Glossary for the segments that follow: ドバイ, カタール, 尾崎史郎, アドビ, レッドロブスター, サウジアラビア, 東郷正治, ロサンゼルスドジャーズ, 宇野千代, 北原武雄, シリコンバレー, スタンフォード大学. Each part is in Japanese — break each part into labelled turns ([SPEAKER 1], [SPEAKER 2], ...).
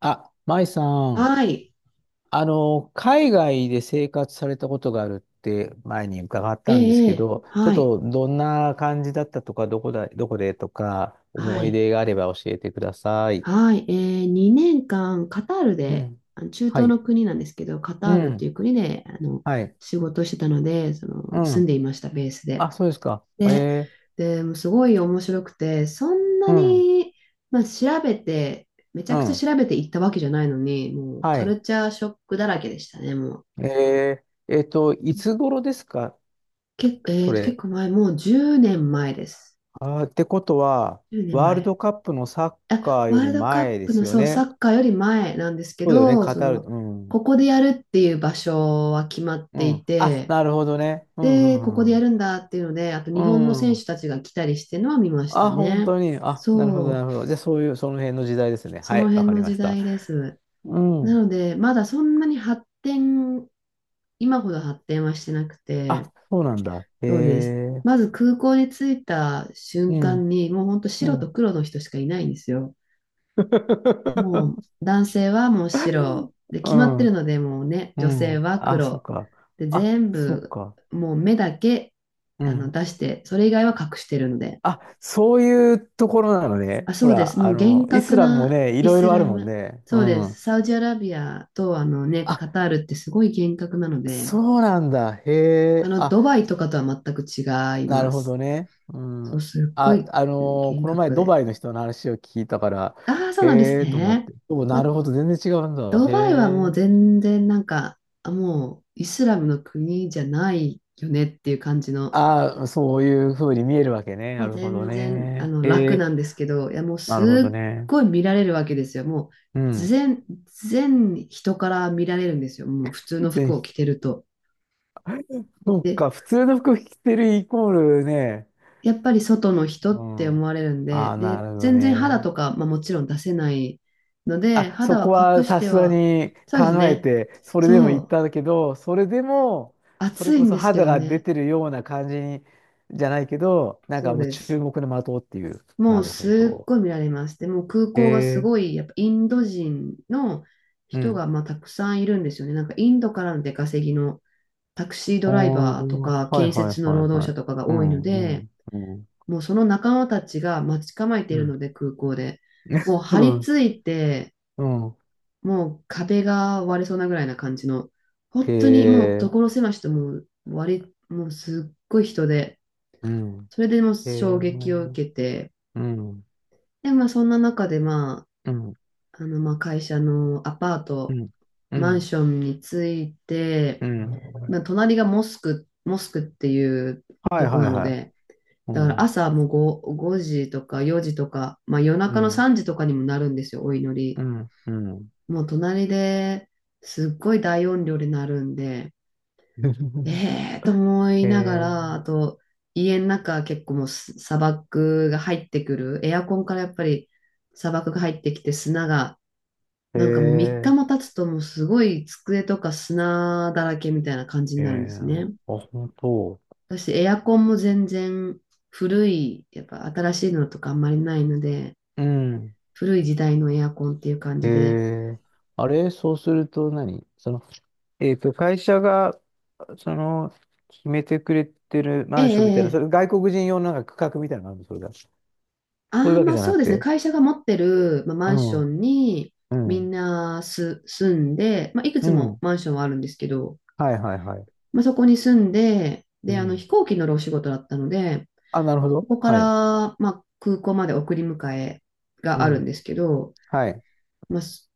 [SPEAKER 1] あ、舞さん、
[SPEAKER 2] はい。
[SPEAKER 1] 海外で生活されたことがあるって前に伺っ
[SPEAKER 2] え
[SPEAKER 1] たんです
[SPEAKER 2] え、え
[SPEAKER 1] け
[SPEAKER 2] え、
[SPEAKER 1] ど、ちょっ
[SPEAKER 2] はい。
[SPEAKER 1] とどんな感じだったとか、どこだ、どこでとか、
[SPEAKER 2] は
[SPEAKER 1] 思い
[SPEAKER 2] い。
[SPEAKER 1] 出があれば教えてください。
[SPEAKER 2] はい。ええ、2年間、カタール
[SPEAKER 1] う
[SPEAKER 2] で、
[SPEAKER 1] ん。
[SPEAKER 2] あの中
[SPEAKER 1] は
[SPEAKER 2] 東
[SPEAKER 1] い。
[SPEAKER 2] の国なんですけど、カ
[SPEAKER 1] う
[SPEAKER 2] タールって
[SPEAKER 1] ん。
[SPEAKER 2] いう国で、
[SPEAKER 1] はい。
[SPEAKER 2] 仕事をしてたので、
[SPEAKER 1] う
[SPEAKER 2] 住んで
[SPEAKER 1] ん。
[SPEAKER 2] いました、ベースで。
[SPEAKER 1] あ、そうですか。え
[SPEAKER 2] で、
[SPEAKER 1] ー、
[SPEAKER 2] で、もうすごい面白くて、そんな
[SPEAKER 1] うん。
[SPEAKER 2] に、まあ、調べて、めちゃ
[SPEAKER 1] う
[SPEAKER 2] くちゃ
[SPEAKER 1] ん。
[SPEAKER 2] 調べていったわけじゃないのに、もう、
[SPEAKER 1] は
[SPEAKER 2] カ
[SPEAKER 1] い。
[SPEAKER 2] ルチャーショックだらけでしたね、もう。
[SPEAKER 1] いつ頃ですか
[SPEAKER 2] 結構、え
[SPEAKER 1] そ
[SPEAKER 2] ーと、結
[SPEAKER 1] れ。
[SPEAKER 2] 構前、もう10年前です。
[SPEAKER 1] あー、ってことは、
[SPEAKER 2] 10年
[SPEAKER 1] ワール
[SPEAKER 2] 前。
[SPEAKER 1] ドカップのサッカ
[SPEAKER 2] あ、
[SPEAKER 1] ー
[SPEAKER 2] ワ
[SPEAKER 1] よ
[SPEAKER 2] ー
[SPEAKER 1] り
[SPEAKER 2] ルドカッ
[SPEAKER 1] 前で
[SPEAKER 2] プ
[SPEAKER 1] す
[SPEAKER 2] の、
[SPEAKER 1] よ
[SPEAKER 2] そう、サ
[SPEAKER 1] ね。
[SPEAKER 2] ッカーより前なんですけ
[SPEAKER 1] そうだよね、
[SPEAKER 2] ど、
[SPEAKER 1] カ
[SPEAKER 2] そ
[SPEAKER 1] タール。
[SPEAKER 2] の、
[SPEAKER 1] うん。
[SPEAKER 2] ここでやるっていう場所は決まっ
[SPEAKER 1] う
[SPEAKER 2] てい
[SPEAKER 1] ん。あ、
[SPEAKER 2] て、
[SPEAKER 1] なるほどね。うん、う
[SPEAKER 2] で、ここで
[SPEAKER 1] ん、う
[SPEAKER 2] や
[SPEAKER 1] ん
[SPEAKER 2] るんだっていうので、あと
[SPEAKER 1] う
[SPEAKER 2] 日本の
[SPEAKER 1] ん。
[SPEAKER 2] 選
[SPEAKER 1] う
[SPEAKER 2] 手
[SPEAKER 1] ん。
[SPEAKER 2] たちが来たりしてるのは見ました
[SPEAKER 1] あ、本
[SPEAKER 2] ね。
[SPEAKER 1] 当に。あ、なるほど、な
[SPEAKER 2] そ
[SPEAKER 1] る
[SPEAKER 2] う、
[SPEAKER 1] ほど。じゃあ、そういう、その辺の時代ですね。
[SPEAKER 2] そ
[SPEAKER 1] は
[SPEAKER 2] の
[SPEAKER 1] い、わ
[SPEAKER 2] 辺
[SPEAKER 1] かり
[SPEAKER 2] の
[SPEAKER 1] ま
[SPEAKER 2] 時
[SPEAKER 1] した。
[SPEAKER 2] 代です。
[SPEAKER 1] う
[SPEAKER 2] な
[SPEAKER 1] ん。
[SPEAKER 2] ので、まだそんなに発展、今ほど発展はしてなく
[SPEAKER 1] あ、
[SPEAKER 2] て、
[SPEAKER 1] そうなんだ。へ
[SPEAKER 2] そうです。
[SPEAKER 1] え。
[SPEAKER 2] まず空港に着いた瞬
[SPEAKER 1] うん、
[SPEAKER 2] 間に、もうほんと
[SPEAKER 1] う
[SPEAKER 2] 白と
[SPEAKER 1] ん。
[SPEAKER 2] 黒の人しかいないんですよ。もう 男性はもう白で
[SPEAKER 1] う
[SPEAKER 2] 決まって
[SPEAKER 1] ん、
[SPEAKER 2] るので、もうね、
[SPEAKER 1] う
[SPEAKER 2] 女性
[SPEAKER 1] ん。
[SPEAKER 2] は
[SPEAKER 1] あ、そっ
[SPEAKER 2] 黒
[SPEAKER 1] か。
[SPEAKER 2] で
[SPEAKER 1] あ、
[SPEAKER 2] 全
[SPEAKER 1] そっ
[SPEAKER 2] 部、
[SPEAKER 1] か。
[SPEAKER 2] もう目だけ
[SPEAKER 1] うん。
[SPEAKER 2] 出して、それ以外は隠してるので。
[SPEAKER 1] あ、そういうところなのね。
[SPEAKER 2] あ、そ
[SPEAKER 1] ほ
[SPEAKER 2] うです、
[SPEAKER 1] ら、
[SPEAKER 2] もう厳
[SPEAKER 1] イ
[SPEAKER 2] 格
[SPEAKER 1] スラムも
[SPEAKER 2] な
[SPEAKER 1] ね、い
[SPEAKER 2] イ
[SPEAKER 1] ろい
[SPEAKER 2] ス
[SPEAKER 1] ろあ
[SPEAKER 2] ラ
[SPEAKER 1] るもん
[SPEAKER 2] ム。
[SPEAKER 1] ね。う
[SPEAKER 2] そうです、
[SPEAKER 1] ん。
[SPEAKER 2] サウジアラビアと、あのね、
[SPEAKER 1] あ、
[SPEAKER 2] カタールってすごい厳格なので、
[SPEAKER 1] そうなんだ。へ
[SPEAKER 2] あ
[SPEAKER 1] え。
[SPEAKER 2] の、
[SPEAKER 1] あ
[SPEAKER 2] ドバイとかとは全く違い
[SPEAKER 1] な
[SPEAKER 2] ま
[SPEAKER 1] るほど
[SPEAKER 2] す。
[SPEAKER 1] ね。うん。
[SPEAKER 2] そう、すっごい
[SPEAKER 1] こ
[SPEAKER 2] 厳
[SPEAKER 1] の前
[SPEAKER 2] 格
[SPEAKER 1] ド
[SPEAKER 2] で。
[SPEAKER 1] バイの人の話を聞いたから、
[SPEAKER 2] ああー、そうなんです
[SPEAKER 1] へえと思っ
[SPEAKER 2] ね。
[SPEAKER 1] て。お、
[SPEAKER 2] ま
[SPEAKER 1] なるほど、全然違うんだ。
[SPEAKER 2] ド
[SPEAKER 1] へ
[SPEAKER 2] バイはもう
[SPEAKER 1] え。
[SPEAKER 2] 全然なんか、あ、もうイスラムの国じゃないよねっていう感じの、
[SPEAKER 1] ああ、そういうふうに見えるわけね。
[SPEAKER 2] も
[SPEAKER 1] な
[SPEAKER 2] う
[SPEAKER 1] るほど
[SPEAKER 2] 全然
[SPEAKER 1] ね。へ
[SPEAKER 2] 楽な
[SPEAKER 1] え、
[SPEAKER 2] んですけど、いや、もう
[SPEAKER 1] なるほど
[SPEAKER 2] すっ
[SPEAKER 1] ね。
[SPEAKER 2] ごい見られるわけですよ。もう
[SPEAKER 1] うん。
[SPEAKER 2] 全人から見られるんですよ。もう普通の
[SPEAKER 1] ぜ
[SPEAKER 2] 服を
[SPEAKER 1] ひ、
[SPEAKER 2] 着てると。
[SPEAKER 1] そっ
[SPEAKER 2] で、
[SPEAKER 1] か、普通の服着てるイコールね。
[SPEAKER 2] やっぱり外の人
[SPEAKER 1] う
[SPEAKER 2] って
[SPEAKER 1] ん。
[SPEAKER 2] 思われるん
[SPEAKER 1] あ
[SPEAKER 2] で、
[SPEAKER 1] あ、な
[SPEAKER 2] で、
[SPEAKER 1] るほど
[SPEAKER 2] 全然肌
[SPEAKER 1] ね。
[SPEAKER 2] とか、まあ、もちろん出せないので、
[SPEAKER 1] あ、そ
[SPEAKER 2] 肌は
[SPEAKER 1] こは
[SPEAKER 2] 隠し
[SPEAKER 1] さ
[SPEAKER 2] て
[SPEAKER 1] すが
[SPEAKER 2] は、
[SPEAKER 1] に
[SPEAKER 2] そうです
[SPEAKER 1] 考え
[SPEAKER 2] ね。
[SPEAKER 1] て、それでも
[SPEAKER 2] そ
[SPEAKER 1] 行っ
[SPEAKER 2] う、
[SPEAKER 1] たんだけど、それでも、それ
[SPEAKER 2] 暑い
[SPEAKER 1] こ
[SPEAKER 2] ん
[SPEAKER 1] そ
[SPEAKER 2] ですけ
[SPEAKER 1] 肌
[SPEAKER 2] ど
[SPEAKER 1] が出
[SPEAKER 2] ね。
[SPEAKER 1] てるような感じに、じゃないけど、なん
[SPEAKER 2] そ
[SPEAKER 1] か
[SPEAKER 2] う
[SPEAKER 1] もう
[SPEAKER 2] で
[SPEAKER 1] 注
[SPEAKER 2] す。
[SPEAKER 1] 目の的っていう。
[SPEAKER 2] も
[SPEAKER 1] な
[SPEAKER 2] う
[SPEAKER 1] るほ
[SPEAKER 2] すっ
[SPEAKER 1] ど。
[SPEAKER 2] ごい見られます。で、もう空港がす
[SPEAKER 1] ええ
[SPEAKER 2] ごい、やっぱインド人の
[SPEAKER 1] う
[SPEAKER 2] 人
[SPEAKER 1] ん。
[SPEAKER 2] がまあたくさんいるんですよね。なんかインドからの出稼ぎのタクシード
[SPEAKER 1] あ
[SPEAKER 2] ライバーと
[SPEAKER 1] ー
[SPEAKER 2] か
[SPEAKER 1] はい
[SPEAKER 2] 建
[SPEAKER 1] はい
[SPEAKER 2] 設の
[SPEAKER 1] はい
[SPEAKER 2] 労働
[SPEAKER 1] は
[SPEAKER 2] 者
[SPEAKER 1] い。
[SPEAKER 2] とかが
[SPEAKER 1] う
[SPEAKER 2] 多いの
[SPEAKER 1] ん、う
[SPEAKER 2] で、
[SPEAKER 1] ん、うん、
[SPEAKER 2] もうその仲間たちが待ち構えてい
[SPEAKER 1] う
[SPEAKER 2] る
[SPEAKER 1] ん。
[SPEAKER 2] ので、空港で。もう張り 付いて、
[SPEAKER 1] うん、うん。
[SPEAKER 2] もう壁が割れそうなぐらいな感じの、本当にもう
[SPEAKER 1] ええ
[SPEAKER 2] 所狭しと、もうすっごい人で、
[SPEAKER 1] うん。
[SPEAKER 2] それでもう
[SPEAKER 1] ええ
[SPEAKER 2] 衝
[SPEAKER 1] う
[SPEAKER 2] 撃を
[SPEAKER 1] ん、
[SPEAKER 2] 受けて、
[SPEAKER 1] うん、
[SPEAKER 2] で、まあそんな中で、ま
[SPEAKER 1] うん、
[SPEAKER 2] あ、まあ、会社のアパート、
[SPEAKER 1] う
[SPEAKER 2] マン
[SPEAKER 1] ん、
[SPEAKER 2] ションについて、
[SPEAKER 1] う
[SPEAKER 2] ま
[SPEAKER 1] ん。
[SPEAKER 2] あ、隣がモスクっていう
[SPEAKER 1] はい
[SPEAKER 2] とこ
[SPEAKER 1] はい
[SPEAKER 2] なの
[SPEAKER 1] はい。
[SPEAKER 2] で、
[SPEAKER 1] う
[SPEAKER 2] だから
[SPEAKER 1] ん、
[SPEAKER 2] 朝もう 5, 時とか4時とか、まあ、夜
[SPEAKER 1] う
[SPEAKER 2] 中の
[SPEAKER 1] ん、
[SPEAKER 2] 3時とかにもなるんですよ、お祈
[SPEAKER 1] う
[SPEAKER 2] り。
[SPEAKER 1] ん、うん。
[SPEAKER 2] もう隣ですっごい大音量で鳴るんで、え えーと思
[SPEAKER 1] へ
[SPEAKER 2] いなが
[SPEAKER 1] え
[SPEAKER 2] ら、あと家の中結構もう砂漠が入ってくる、エアコンからやっぱり砂漠が入ってきて、砂が
[SPEAKER 1] へ
[SPEAKER 2] なんかもう3日
[SPEAKER 1] え
[SPEAKER 2] も経つと、もうすごい机とか砂だらけみたいな感じに
[SPEAKER 1] へ
[SPEAKER 2] なるんで
[SPEAKER 1] え
[SPEAKER 2] すね。
[SPEAKER 1] あ、本当。
[SPEAKER 2] 私エアコンも全然古い、やっぱ新しいのとかあんまりないので、
[SPEAKER 1] うん。
[SPEAKER 2] 古い時代のエアコンっていう感
[SPEAKER 1] へ
[SPEAKER 2] じで、
[SPEAKER 1] えあれ、そうすると何その、会社が、その、決めてくれてる
[SPEAKER 2] え
[SPEAKER 1] マ
[SPEAKER 2] ええ
[SPEAKER 1] ンションみた
[SPEAKER 2] え
[SPEAKER 1] いな、そ
[SPEAKER 2] ええ、
[SPEAKER 1] れ外国人用のなんか区画みたいなのがあるのそれが。そうい
[SPEAKER 2] あ
[SPEAKER 1] う
[SPEAKER 2] あ、
[SPEAKER 1] わけ
[SPEAKER 2] まあ
[SPEAKER 1] じゃ
[SPEAKER 2] そ
[SPEAKER 1] な
[SPEAKER 2] う
[SPEAKER 1] く
[SPEAKER 2] ですね、
[SPEAKER 1] て。
[SPEAKER 2] 会社が持ってる、まあ、マ
[SPEAKER 1] う
[SPEAKER 2] ンショ
[SPEAKER 1] ん、
[SPEAKER 2] ンに
[SPEAKER 1] う
[SPEAKER 2] みん
[SPEAKER 1] ん、
[SPEAKER 2] なす住んで、まあ、いく
[SPEAKER 1] う
[SPEAKER 2] つも
[SPEAKER 1] ん。
[SPEAKER 2] マンションはあるんですけど、
[SPEAKER 1] はいはいはい。
[SPEAKER 2] まあ、そこに住んで、
[SPEAKER 1] う
[SPEAKER 2] で、
[SPEAKER 1] ん。
[SPEAKER 2] 飛行機乗るお仕事だったので、
[SPEAKER 1] あ、なるほど。
[SPEAKER 2] ここから、
[SPEAKER 1] はい。
[SPEAKER 2] まあ、空港まで送り迎え
[SPEAKER 1] う
[SPEAKER 2] があるん
[SPEAKER 1] ん。
[SPEAKER 2] ですけど、
[SPEAKER 1] はい。
[SPEAKER 2] まあ、す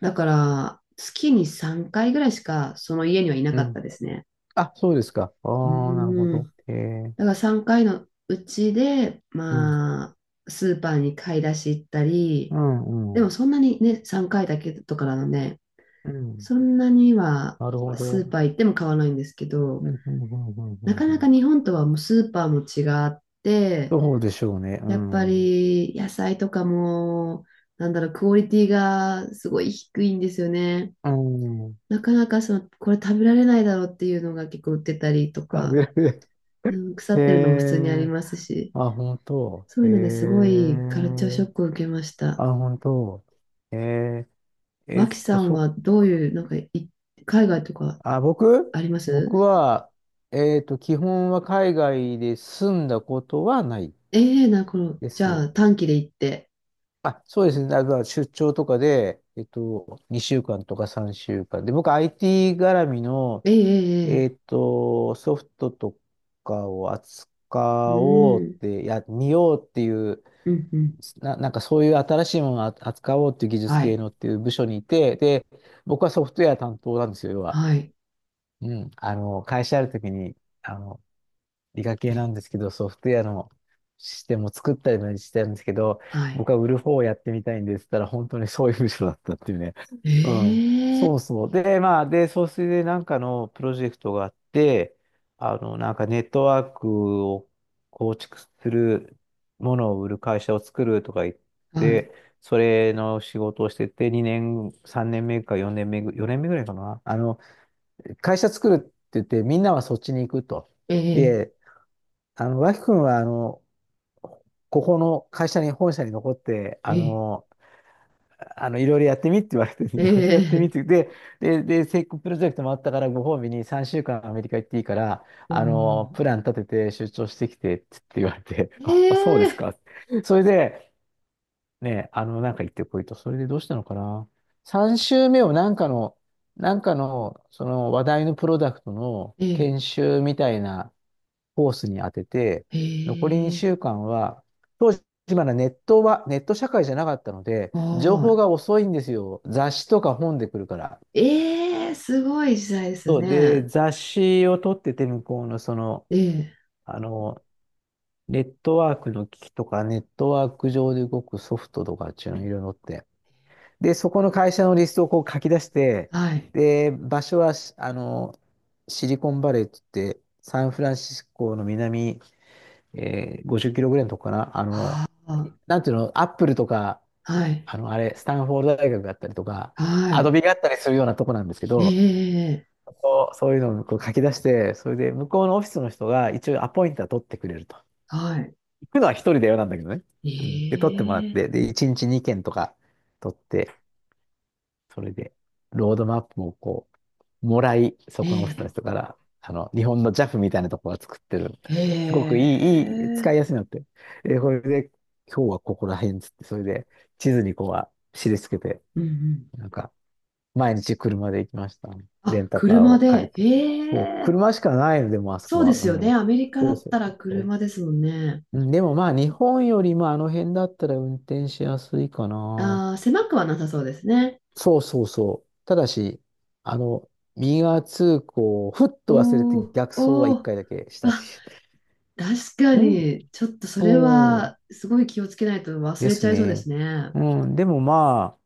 [SPEAKER 2] だから、月に3回ぐらいしかその家にはいな
[SPEAKER 1] う
[SPEAKER 2] かった
[SPEAKER 1] ん。
[SPEAKER 2] ですね。
[SPEAKER 1] あ、そうですか。あ
[SPEAKER 2] う
[SPEAKER 1] あ、なるほ
[SPEAKER 2] ん。
[SPEAKER 1] ど。
[SPEAKER 2] だ
[SPEAKER 1] ええ
[SPEAKER 2] から3回のうちで、
[SPEAKER 1] うん、
[SPEAKER 2] まあ、スーパーに買い出し行ったり、
[SPEAKER 1] うん、
[SPEAKER 2] で
[SPEAKER 1] う
[SPEAKER 2] も
[SPEAKER 1] ん。
[SPEAKER 2] そんなにね、3回だけとかなので、
[SPEAKER 1] うん。
[SPEAKER 2] そんなには
[SPEAKER 1] なるほ
[SPEAKER 2] ス
[SPEAKER 1] ど。
[SPEAKER 2] ーパー行っても買わないんですけ
[SPEAKER 1] うん、
[SPEAKER 2] ど、
[SPEAKER 1] うん、うん、うん、う
[SPEAKER 2] な
[SPEAKER 1] ん
[SPEAKER 2] か
[SPEAKER 1] う
[SPEAKER 2] なか
[SPEAKER 1] ん
[SPEAKER 2] 日本とはもうスーパーも違って、
[SPEAKER 1] そうでしょうね。う
[SPEAKER 2] やっぱ
[SPEAKER 1] ん。
[SPEAKER 2] り野菜とかも、なんだろう、クオリティがすごい低いんですよね。
[SPEAKER 1] うん。
[SPEAKER 2] なかなかその、これ食べられないだろうっていうのが結構売ってたりと
[SPEAKER 1] 食
[SPEAKER 2] か、
[SPEAKER 1] べる。
[SPEAKER 2] うん、腐
[SPEAKER 1] へ
[SPEAKER 2] ってるのも普通にあり
[SPEAKER 1] え
[SPEAKER 2] ますし、
[SPEAKER 1] あ、本当。
[SPEAKER 2] そう
[SPEAKER 1] へ
[SPEAKER 2] いう
[SPEAKER 1] え
[SPEAKER 2] のですごいカルチャーショックを受けました。
[SPEAKER 1] あ、本当。へええっ
[SPEAKER 2] 脇さ
[SPEAKER 1] と、
[SPEAKER 2] ん
[SPEAKER 1] そ、
[SPEAKER 2] はどういう、なんかい、海外とか
[SPEAKER 1] あ、僕
[SPEAKER 2] あります。
[SPEAKER 1] 僕は、えっと、基本は海外で住んだことはない
[SPEAKER 2] ええーな、この、
[SPEAKER 1] で
[SPEAKER 2] じゃ
[SPEAKER 1] す。
[SPEAKER 2] あ短期で行って。
[SPEAKER 1] あ、そうですね。出張とかで、2週間とか3週間で、僕 IT 絡みの、
[SPEAKER 2] ええ
[SPEAKER 1] え
[SPEAKER 2] え
[SPEAKER 1] っと、ソフトとかを
[SPEAKER 2] えええ、
[SPEAKER 1] 扱おう
[SPEAKER 2] う
[SPEAKER 1] っ
[SPEAKER 2] ん、
[SPEAKER 1] て、いや、見ようっていう、
[SPEAKER 2] うん、うん。
[SPEAKER 1] なんかそういう新しいものをあ扱おうっていう技術
[SPEAKER 2] は
[SPEAKER 1] 系
[SPEAKER 2] い、
[SPEAKER 1] のっていう部署にいて、で、僕はソフトウェア担当なんですよ、要は。
[SPEAKER 2] はい、
[SPEAKER 1] うん。会社あるときに、あの、理科系なんですけど、ソフトウェアのシステムを作ったりもしてたんですけど、
[SPEAKER 2] は
[SPEAKER 1] 僕
[SPEAKER 2] い。
[SPEAKER 1] は売る方をやってみたいんですって言ったら、本当にそういう部署だったっていうね。うん。
[SPEAKER 2] ええ、
[SPEAKER 1] そうそう。で、まあ、で、そうでなんかのプロジェクトがあって、なんかネットワークを構築するものを売る会社を作るとか言っ
[SPEAKER 2] はい。
[SPEAKER 1] て、それの仕事をしてて、2年、3年目か4年目ぐ、4年目ぐらいかな。会社作るって言って、みんなはそっちに行くと。
[SPEAKER 2] ええ
[SPEAKER 1] で、脇君は、ここの会社に、本社に残って、
[SPEAKER 2] ええ、
[SPEAKER 1] いろいろやってみって言われて、
[SPEAKER 2] え
[SPEAKER 1] いろいろやってみっ
[SPEAKER 2] え、
[SPEAKER 1] て、で、成功プロジェクトもあったから、ご褒美に3週間アメリカ行っていいから、
[SPEAKER 2] おー、
[SPEAKER 1] プラン立てて出張してきてって言われて、
[SPEAKER 2] え
[SPEAKER 1] あ、あそうです
[SPEAKER 2] え、
[SPEAKER 1] か。それで、ね、なんか行ってこいと、それでどうしたのかな。3週目をなんかの、その話題のプロダクトの
[SPEAKER 2] ええ、
[SPEAKER 1] 研修みたいな、コースに当てて、
[SPEAKER 2] え
[SPEAKER 1] 残り2
[SPEAKER 2] え、
[SPEAKER 1] 週間は、当時まだネット社会じゃなかったので、情報
[SPEAKER 2] は
[SPEAKER 1] が遅いんですよ。雑誌とか本で来るから。
[SPEAKER 2] ーい。ええ、すごい時代です
[SPEAKER 1] そうで、
[SPEAKER 2] ね。
[SPEAKER 1] 雑誌を取ってて、向こうのその、
[SPEAKER 2] ええ、
[SPEAKER 1] あの、ネットワークの機器とか、ネットワーク上で動くソフトとかっていうのいろいろ載って。で、そこの会社のリストをこう書き出して、
[SPEAKER 2] はい。
[SPEAKER 1] で、場所は、シリコンバレーって言って、サンフランシスコの南50キロぐらいのとこかな。
[SPEAKER 2] ああ、
[SPEAKER 1] なんていうの、アップルとか、
[SPEAKER 2] はい、
[SPEAKER 1] あの、あれ、スタンフォード大学があったりとか、
[SPEAKER 2] は
[SPEAKER 1] アド
[SPEAKER 2] い。
[SPEAKER 1] ビがあったりするようなとこなんですけ
[SPEAKER 2] え
[SPEAKER 1] ど、
[SPEAKER 2] え、
[SPEAKER 1] ここそういうのをこう書き出して、それで向こうのオフィスの人が一応アポイントは取ってくれると。
[SPEAKER 2] はい。
[SPEAKER 1] 行くのは一人だよなんだけどね。
[SPEAKER 2] え
[SPEAKER 1] うん、で、取ってもらっ
[SPEAKER 2] え、
[SPEAKER 1] て、で、1日2件とか取って、それで、ロードマップをこもらい、そ
[SPEAKER 2] え
[SPEAKER 1] このオフィスの
[SPEAKER 2] え、
[SPEAKER 1] 人から、日本のジャフみたいなとこが作ってる。すごくい
[SPEAKER 2] え
[SPEAKER 1] い、いい、使
[SPEAKER 2] え、
[SPEAKER 1] いやすいのって。え、これで、今日はここら辺っつって、それで地図にこうは印つけて、
[SPEAKER 2] うんうん。
[SPEAKER 1] なんか、毎日車で行きましたね。レ
[SPEAKER 2] あ、
[SPEAKER 1] ンタカー
[SPEAKER 2] 車
[SPEAKER 1] を借り
[SPEAKER 2] で、え
[SPEAKER 1] て。そう、
[SPEAKER 2] え、
[SPEAKER 1] 車しかないので、もうあそこ
[SPEAKER 2] そうで
[SPEAKER 1] は。
[SPEAKER 2] すよ
[SPEAKER 1] う
[SPEAKER 2] ね。
[SPEAKER 1] ん。
[SPEAKER 2] アメリカだ
[SPEAKER 1] そう
[SPEAKER 2] っ
[SPEAKER 1] そう
[SPEAKER 2] たら
[SPEAKER 1] そ
[SPEAKER 2] 車ですもんね。
[SPEAKER 1] う。うんでもまあ、日本よりもあの辺だったら運転しやすいかな。
[SPEAKER 2] ああ、狭くはなさそうですね。
[SPEAKER 1] そうそうそう。ただし、あの、右側通行をふっと忘れて
[SPEAKER 2] おー、
[SPEAKER 1] 逆走は
[SPEAKER 2] お
[SPEAKER 1] 一
[SPEAKER 2] ー。
[SPEAKER 1] 回だけし
[SPEAKER 2] わ、
[SPEAKER 1] たし。
[SPEAKER 2] 確か
[SPEAKER 1] うん。
[SPEAKER 2] に、ちょっとそれ
[SPEAKER 1] そ
[SPEAKER 2] はすごい気をつけないと
[SPEAKER 1] う
[SPEAKER 2] 忘
[SPEAKER 1] で
[SPEAKER 2] れち
[SPEAKER 1] す
[SPEAKER 2] ゃいそうで
[SPEAKER 1] ね。
[SPEAKER 2] すね。
[SPEAKER 1] うん。でもまあ、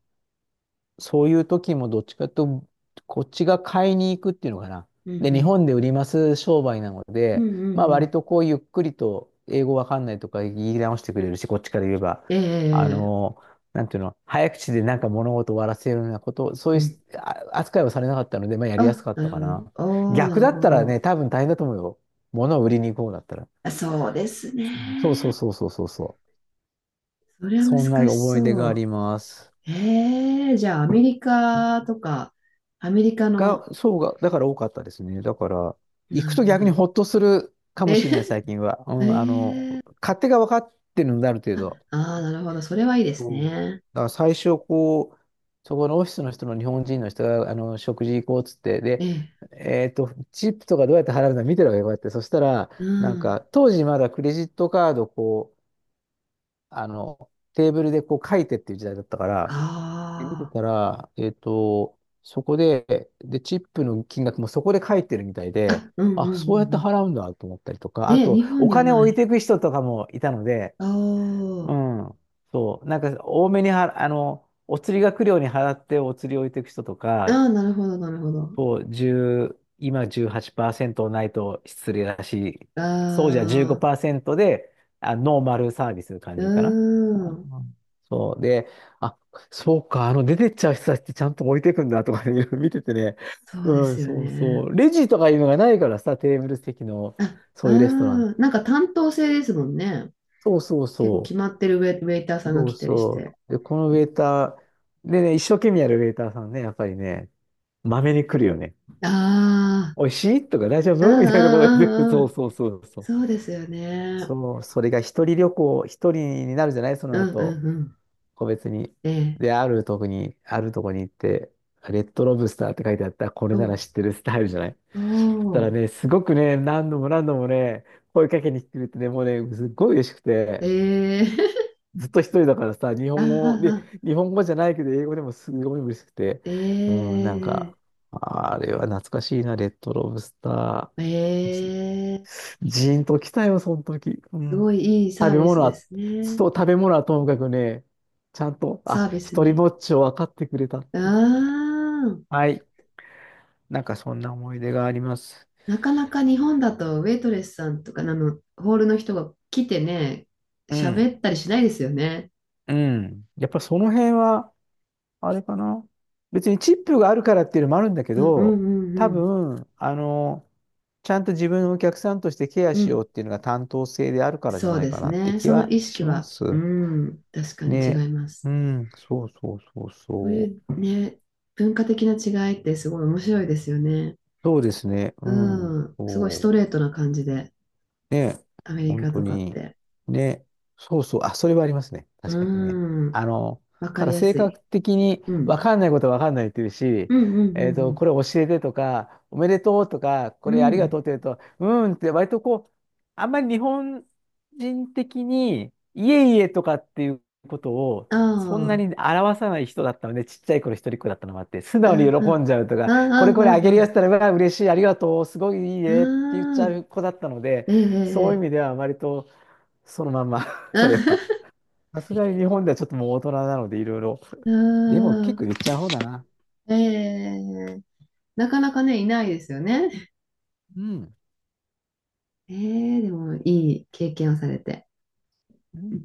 [SPEAKER 1] そういう時もどっちかというと、こっちが買いに行くっていうのかな。
[SPEAKER 2] うん
[SPEAKER 1] で、
[SPEAKER 2] う
[SPEAKER 1] 日
[SPEAKER 2] ん。
[SPEAKER 1] 本で売ります商売なの
[SPEAKER 2] うん
[SPEAKER 1] で、
[SPEAKER 2] うん
[SPEAKER 1] まあ
[SPEAKER 2] う
[SPEAKER 1] 割
[SPEAKER 2] ん。
[SPEAKER 1] とこうゆっくりと英語わかんないとか言い直してくれるし、こっちから言えば、あ
[SPEAKER 2] ええ、
[SPEAKER 1] の、なんていうの、早口でなんか物事を終わらせるようなこと、そうい
[SPEAKER 2] う
[SPEAKER 1] うし
[SPEAKER 2] ん、
[SPEAKER 1] あ扱いはされなかったので、まあやりやす
[SPEAKER 2] あ、
[SPEAKER 1] かっ
[SPEAKER 2] な
[SPEAKER 1] た
[SPEAKER 2] るほ
[SPEAKER 1] か
[SPEAKER 2] ど。
[SPEAKER 1] な。
[SPEAKER 2] おー、な
[SPEAKER 1] 逆だ
[SPEAKER 2] る
[SPEAKER 1] っ
[SPEAKER 2] ほ
[SPEAKER 1] たらね、
[SPEAKER 2] ど。
[SPEAKER 1] 多分大変だと思うよ。物を売りに行こうだったら。
[SPEAKER 2] あ、そうです
[SPEAKER 1] うんそうそ
[SPEAKER 2] ね。
[SPEAKER 1] うそうそうそうそう。
[SPEAKER 2] それは
[SPEAKER 1] そんな
[SPEAKER 2] 難し
[SPEAKER 1] 思い出
[SPEAKER 2] そ
[SPEAKER 1] があり
[SPEAKER 2] う。
[SPEAKER 1] ます。
[SPEAKER 2] ええ、じゃあアメリカとか、アメリカの、
[SPEAKER 1] が、そうが、だから多かったですね。だから、行
[SPEAKER 2] な
[SPEAKER 1] く
[SPEAKER 2] る
[SPEAKER 1] と
[SPEAKER 2] ほど。
[SPEAKER 1] 逆にほっとするかも
[SPEAKER 2] え、
[SPEAKER 1] しれない、最近は。う ん、
[SPEAKER 2] ええ、
[SPEAKER 1] 勝手が分かってるので、ある程
[SPEAKER 2] あ、
[SPEAKER 1] 度。
[SPEAKER 2] あー、なるほど。それはいいです
[SPEAKER 1] うん。だ
[SPEAKER 2] ね。
[SPEAKER 1] から最初、こう、そこのオフィスの人の日本人の人が、食事行こうっつって、で、
[SPEAKER 2] ええ、
[SPEAKER 1] チップとかどうやって払うの見てるわけよ、こうやって。そしたら、
[SPEAKER 2] う
[SPEAKER 1] なん
[SPEAKER 2] ん。
[SPEAKER 1] か、当時まだクレジットカード、こう、テーブルでこう書いてっていう時代だったから、で見て
[SPEAKER 2] あ
[SPEAKER 1] たら、そこで、で、チップの金額もそこで書いてるみたい
[SPEAKER 2] あ。
[SPEAKER 1] で、
[SPEAKER 2] あ、うんうんう
[SPEAKER 1] あ、そうやっ
[SPEAKER 2] ん
[SPEAKER 1] て
[SPEAKER 2] うん。
[SPEAKER 1] 払うんだと思ったりとか、あ
[SPEAKER 2] ね、
[SPEAKER 1] と、
[SPEAKER 2] 日本
[SPEAKER 1] お
[SPEAKER 2] には
[SPEAKER 1] 金を
[SPEAKER 2] な
[SPEAKER 1] 置い
[SPEAKER 2] い。
[SPEAKER 1] ていく人とかもいたので、
[SPEAKER 2] お
[SPEAKER 1] う
[SPEAKER 2] ー。
[SPEAKER 1] ん、そう、なんか多めには、お釣りが来るように払ってお釣りを置いていく人とか、
[SPEAKER 2] ああ、なるほど、なるほど。
[SPEAKER 1] そう、10、今18%ないと失礼だし、そうじゃ
[SPEAKER 2] ああ、
[SPEAKER 1] 15%で、あ、ノーマルサービス
[SPEAKER 2] う
[SPEAKER 1] 感じかな。う
[SPEAKER 2] ーん。
[SPEAKER 1] ん、そう。で、あ、そうか、出てっちゃう人たちってちゃんと置いていくんだとかね、いろいろ見ててね。
[SPEAKER 2] そうで
[SPEAKER 1] うん、
[SPEAKER 2] すよ
[SPEAKER 1] そうそ
[SPEAKER 2] ね。
[SPEAKER 1] う。レジとかいうのがないからさ、テーブル席の、
[SPEAKER 2] あ、
[SPEAKER 1] そういうレストラン。
[SPEAKER 2] うん。なんか担当制ですもんね。
[SPEAKER 1] そうそう
[SPEAKER 2] 結構
[SPEAKER 1] そ
[SPEAKER 2] 決ま
[SPEAKER 1] う。
[SPEAKER 2] ってるウェイターさんが
[SPEAKER 1] そう
[SPEAKER 2] 来たりし
[SPEAKER 1] そ
[SPEAKER 2] て。
[SPEAKER 1] う。で、このウェイター、でね、一生懸命やるウェイターさんね、やっぱりね、まめに来るよね。
[SPEAKER 2] ああ、
[SPEAKER 1] おいしいとか大丈
[SPEAKER 2] う
[SPEAKER 1] 夫
[SPEAKER 2] ん
[SPEAKER 1] みたいなこと言ってる。
[SPEAKER 2] うんうん
[SPEAKER 1] そ
[SPEAKER 2] う
[SPEAKER 1] う
[SPEAKER 2] ん。
[SPEAKER 1] そうそうそう。
[SPEAKER 2] そうですよね。
[SPEAKER 1] そう、それが一人旅行、一人になるじゃないそ
[SPEAKER 2] う
[SPEAKER 1] の
[SPEAKER 2] んう
[SPEAKER 1] 後、
[SPEAKER 2] んうん。
[SPEAKER 1] 個別に。
[SPEAKER 2] ええ。
[SPEAKER 1] で、あるとこに、あるとこに行って、レッドロブスターって書いてあった、これ
[SPEAKER 2] お
[SPEAKER 1] なら
[SPEAKER 2] う、
[SPEAKER 1] 知ってるスタイルじゃない。
[SPEAKER 2] お
[SPEAKER 1] そしたら
[SPEAKER 2] う、
[SPEAKER 1] ね、すごくね、何度も何度もね、声かけに来てくれてね、もうね、すっごい嬉しく
[SPEAKER 2] え
[SPEAKER 1] て、
[SPEAKER 2] え。
[SPEAKER 1] ずっと一人だからさ、日
[SPEAKER 2] あ
[SPEAKER 1] 本語で、
[SPEAKER 2] あ、
[SPEAKER 1] 日本語じゃないけど、英語でもすごい嬉しくて、
[SPEAKER 2] え
[SPEAKER 1] うん、なん
[SPEAKER 2] え。
[SPEAKER 1] か、あれは懐かしいな、レッドロブスタ
[SPEAKER 2] え
[SPEAKER 1] ー。
[SPEAKER 2] え。
[SPEAKER 1] ジーンときたよ、その時。う
[SPEAKER 2] すご
[SPEAKER 1] ん。
[SPEAKER 2] いいい
[SPEAKER 1] 食
[SPEAKER 2] サー
[SPEAKER 1] べ
[SPEAKER 2] ビス
[SPEAKER 1] 物
[SPEAKER 2] で
[SPEAKER 1] は、
[SPEAKER 2] すね。
[SPEAKER 1] そう、食べ物はともかくね、ちゃんと、
[SPEAKER 2] サ
[SPEAKER 1] あ、
[SPEAKER 2] ービス
[SPEAKER 1] 一人
[SPEAKER 2] に。
[SPEAKER 1] ぼっちを分かってくれたっていう。
[SPEAKER 2] あー、
[SPEAKER 1] はい。なんかそんな思い出があります。
[SPEAKER 2] なかなか日本だとウェイトレスさんとかあのホールの人が来てね、
[SPEAKER 1] うん。
[SPEAKER 2] 喋ったりしないですよね。
[SPEAKER 1] うん。やっぱその辺は、あれかな。別にチップがあるからっていうのもあるんだけ
[SPEAKER 2] うんう
[SPEAKER 1] ど、
[SPEAKER 2] んう
[SPEAKER 1] 多
[SPEAKER 2] ん
[SPEAKER 1] 分、ちゃんと自分のお客さんとしてケア
[SPEAKER 2] うん。う
[SPEAKER 1] しよ
[SPEAKER 2] ん。
[SPEAKER 1] うっていうのが担当性であるからじゃ
[SPEAKER 2] そう
[SPEAKER 1] ない
[SPEAKER 2] で
[SPEAKER 1] か
[SPEAKER 2] す
[SPEAKER 1] なって
[SPEAKER 2] ね。
[SPEAKER 1] 気
[SPEAKER 2] その
[SPEAKER 1] は
[SPEAKER 2] 意識
[SPEAKER 1] しま
[SPEAKER 2] は、う
[SPEAKER 1] す。
[SPEAKER 2] ん、確かに違
[SPEAKER 1] ね。
[SPEAKER 2] いま
[SPEAKER 1] う
[SPEAKER 2] す。
[SPEAKER 1] ん。そうそうそう
[SPEAKER 2] そう
[SPEAKER 1] そ
[SPEAKER 2] いう
[SPEAKER 1] う。
[SPEAKER 2] ね、文化的な違いってすごい面白いですよね。
[SPEAKER 1] そうですね。うん。
[SPEAKER 2] うん。すごいス
[SPEAKER 1] そ
[SPEAKER 2] トレートな感じで、
[SPEAKER 1] ね、
[SPEAKER 2] アメリ
[SPEAKER 1] 本
[SPEAKER 2] カと
[SPEAKER 1] 当
[SPEAKER 2] かっ
[SPEAKER 1] に。
[SPEAKER 2] て。
[SPEAKER 1] ね、そうそう、あ、それはありますね。確かにね。
[SPEAKER 2] うん。
[SPEAKER 1] あの、
[SPEAKER 2] わか
[SPEAKER 1] た
[SPEAKER 2] り
[SPEAKER 1] だ
[SPEAKER 2] や
[SPEAKER 1] 性
[SPEAKER 2] すい。
[SPEAKER 1] 格的に
[SPEAKER 2] う
[SPEAKER 1] 分
[SPEAKER 2] ん。
[SPEAKER 1] かんないことは分かんないって言う
[SPEAKER 2] う
[SPEAKER 1] し、
[SPEAKER 2] んうん
[SPEAKER 1] これ教えてとか、おめでとうとか、
[SPEAKER 2] う
[SPEAKER 1] こ
[SPEAKER 2] んう
[SPEAKER 1] れ
[SPEAKER 2] ん。
[SPEAKER 1] あ
[SPEAKER 2] う
[SPEAKER 1] りが
[SPEAKER 2] ん。
[SPEAKER 1] とうって言うと、うーんって割とこう、あんまり日本人的に、いえいえとかっていうことを、
[SPEAKER 2] あ
[SPEAKER 1] そんな
[SPEAKER 2] あ。
[SPEAKER 1] に表さない人だったので、ちっちゃい頃一人っ子だったのもあって、素
[SPEAKER 2] う
[SPEAKER 1] 直に
[SPEAKER 2] んう
[SPEAKER 1] 喜んじゃうと
[SPEAKER 2] ん。
[SPEAKER 1] か、
[SPEAKER 2] あ
[SPEAKER 1] こ
[SPEAKER 2] あ、
[SPEAKER 1] れこれあげ
[SPEAKER 2] う
[SPEAKER 1] るや
[SPEAKER 2] ん
[SPEAKER 1] つったら、うわ、嬉しい、ありがとう、すごいいいねって言っ
[SPEAKER 2] う
[SPEAKER 1] ち
[SPEAKER 2] ん。
[SPEAKER 1] ゃ
[SPEAKER 2] ああ、
[SPEAKER 1] う子だったので、
[SPEAKER 2] ええ、
[SPEAKER 1] そういう意
[SPEAKER 2] ええ。
[SPEAKER 1] 味では割とそのまんま それは。さすがに日本ではちょっともう大人なのでいろいろ。
[SPEAKER 2] う
[SPEAKER 1] でも結構
[SPEAKER 2] ん、
[SPEAKER 1] 言っちゃう方だな。
[SPEAKER 2] ええ。なかなかね、いないですよね。
[SPEAKER 1] うん。
[SPEAKER 2] ええ、でもいい経験をされて。
[SPEAKER 1] うん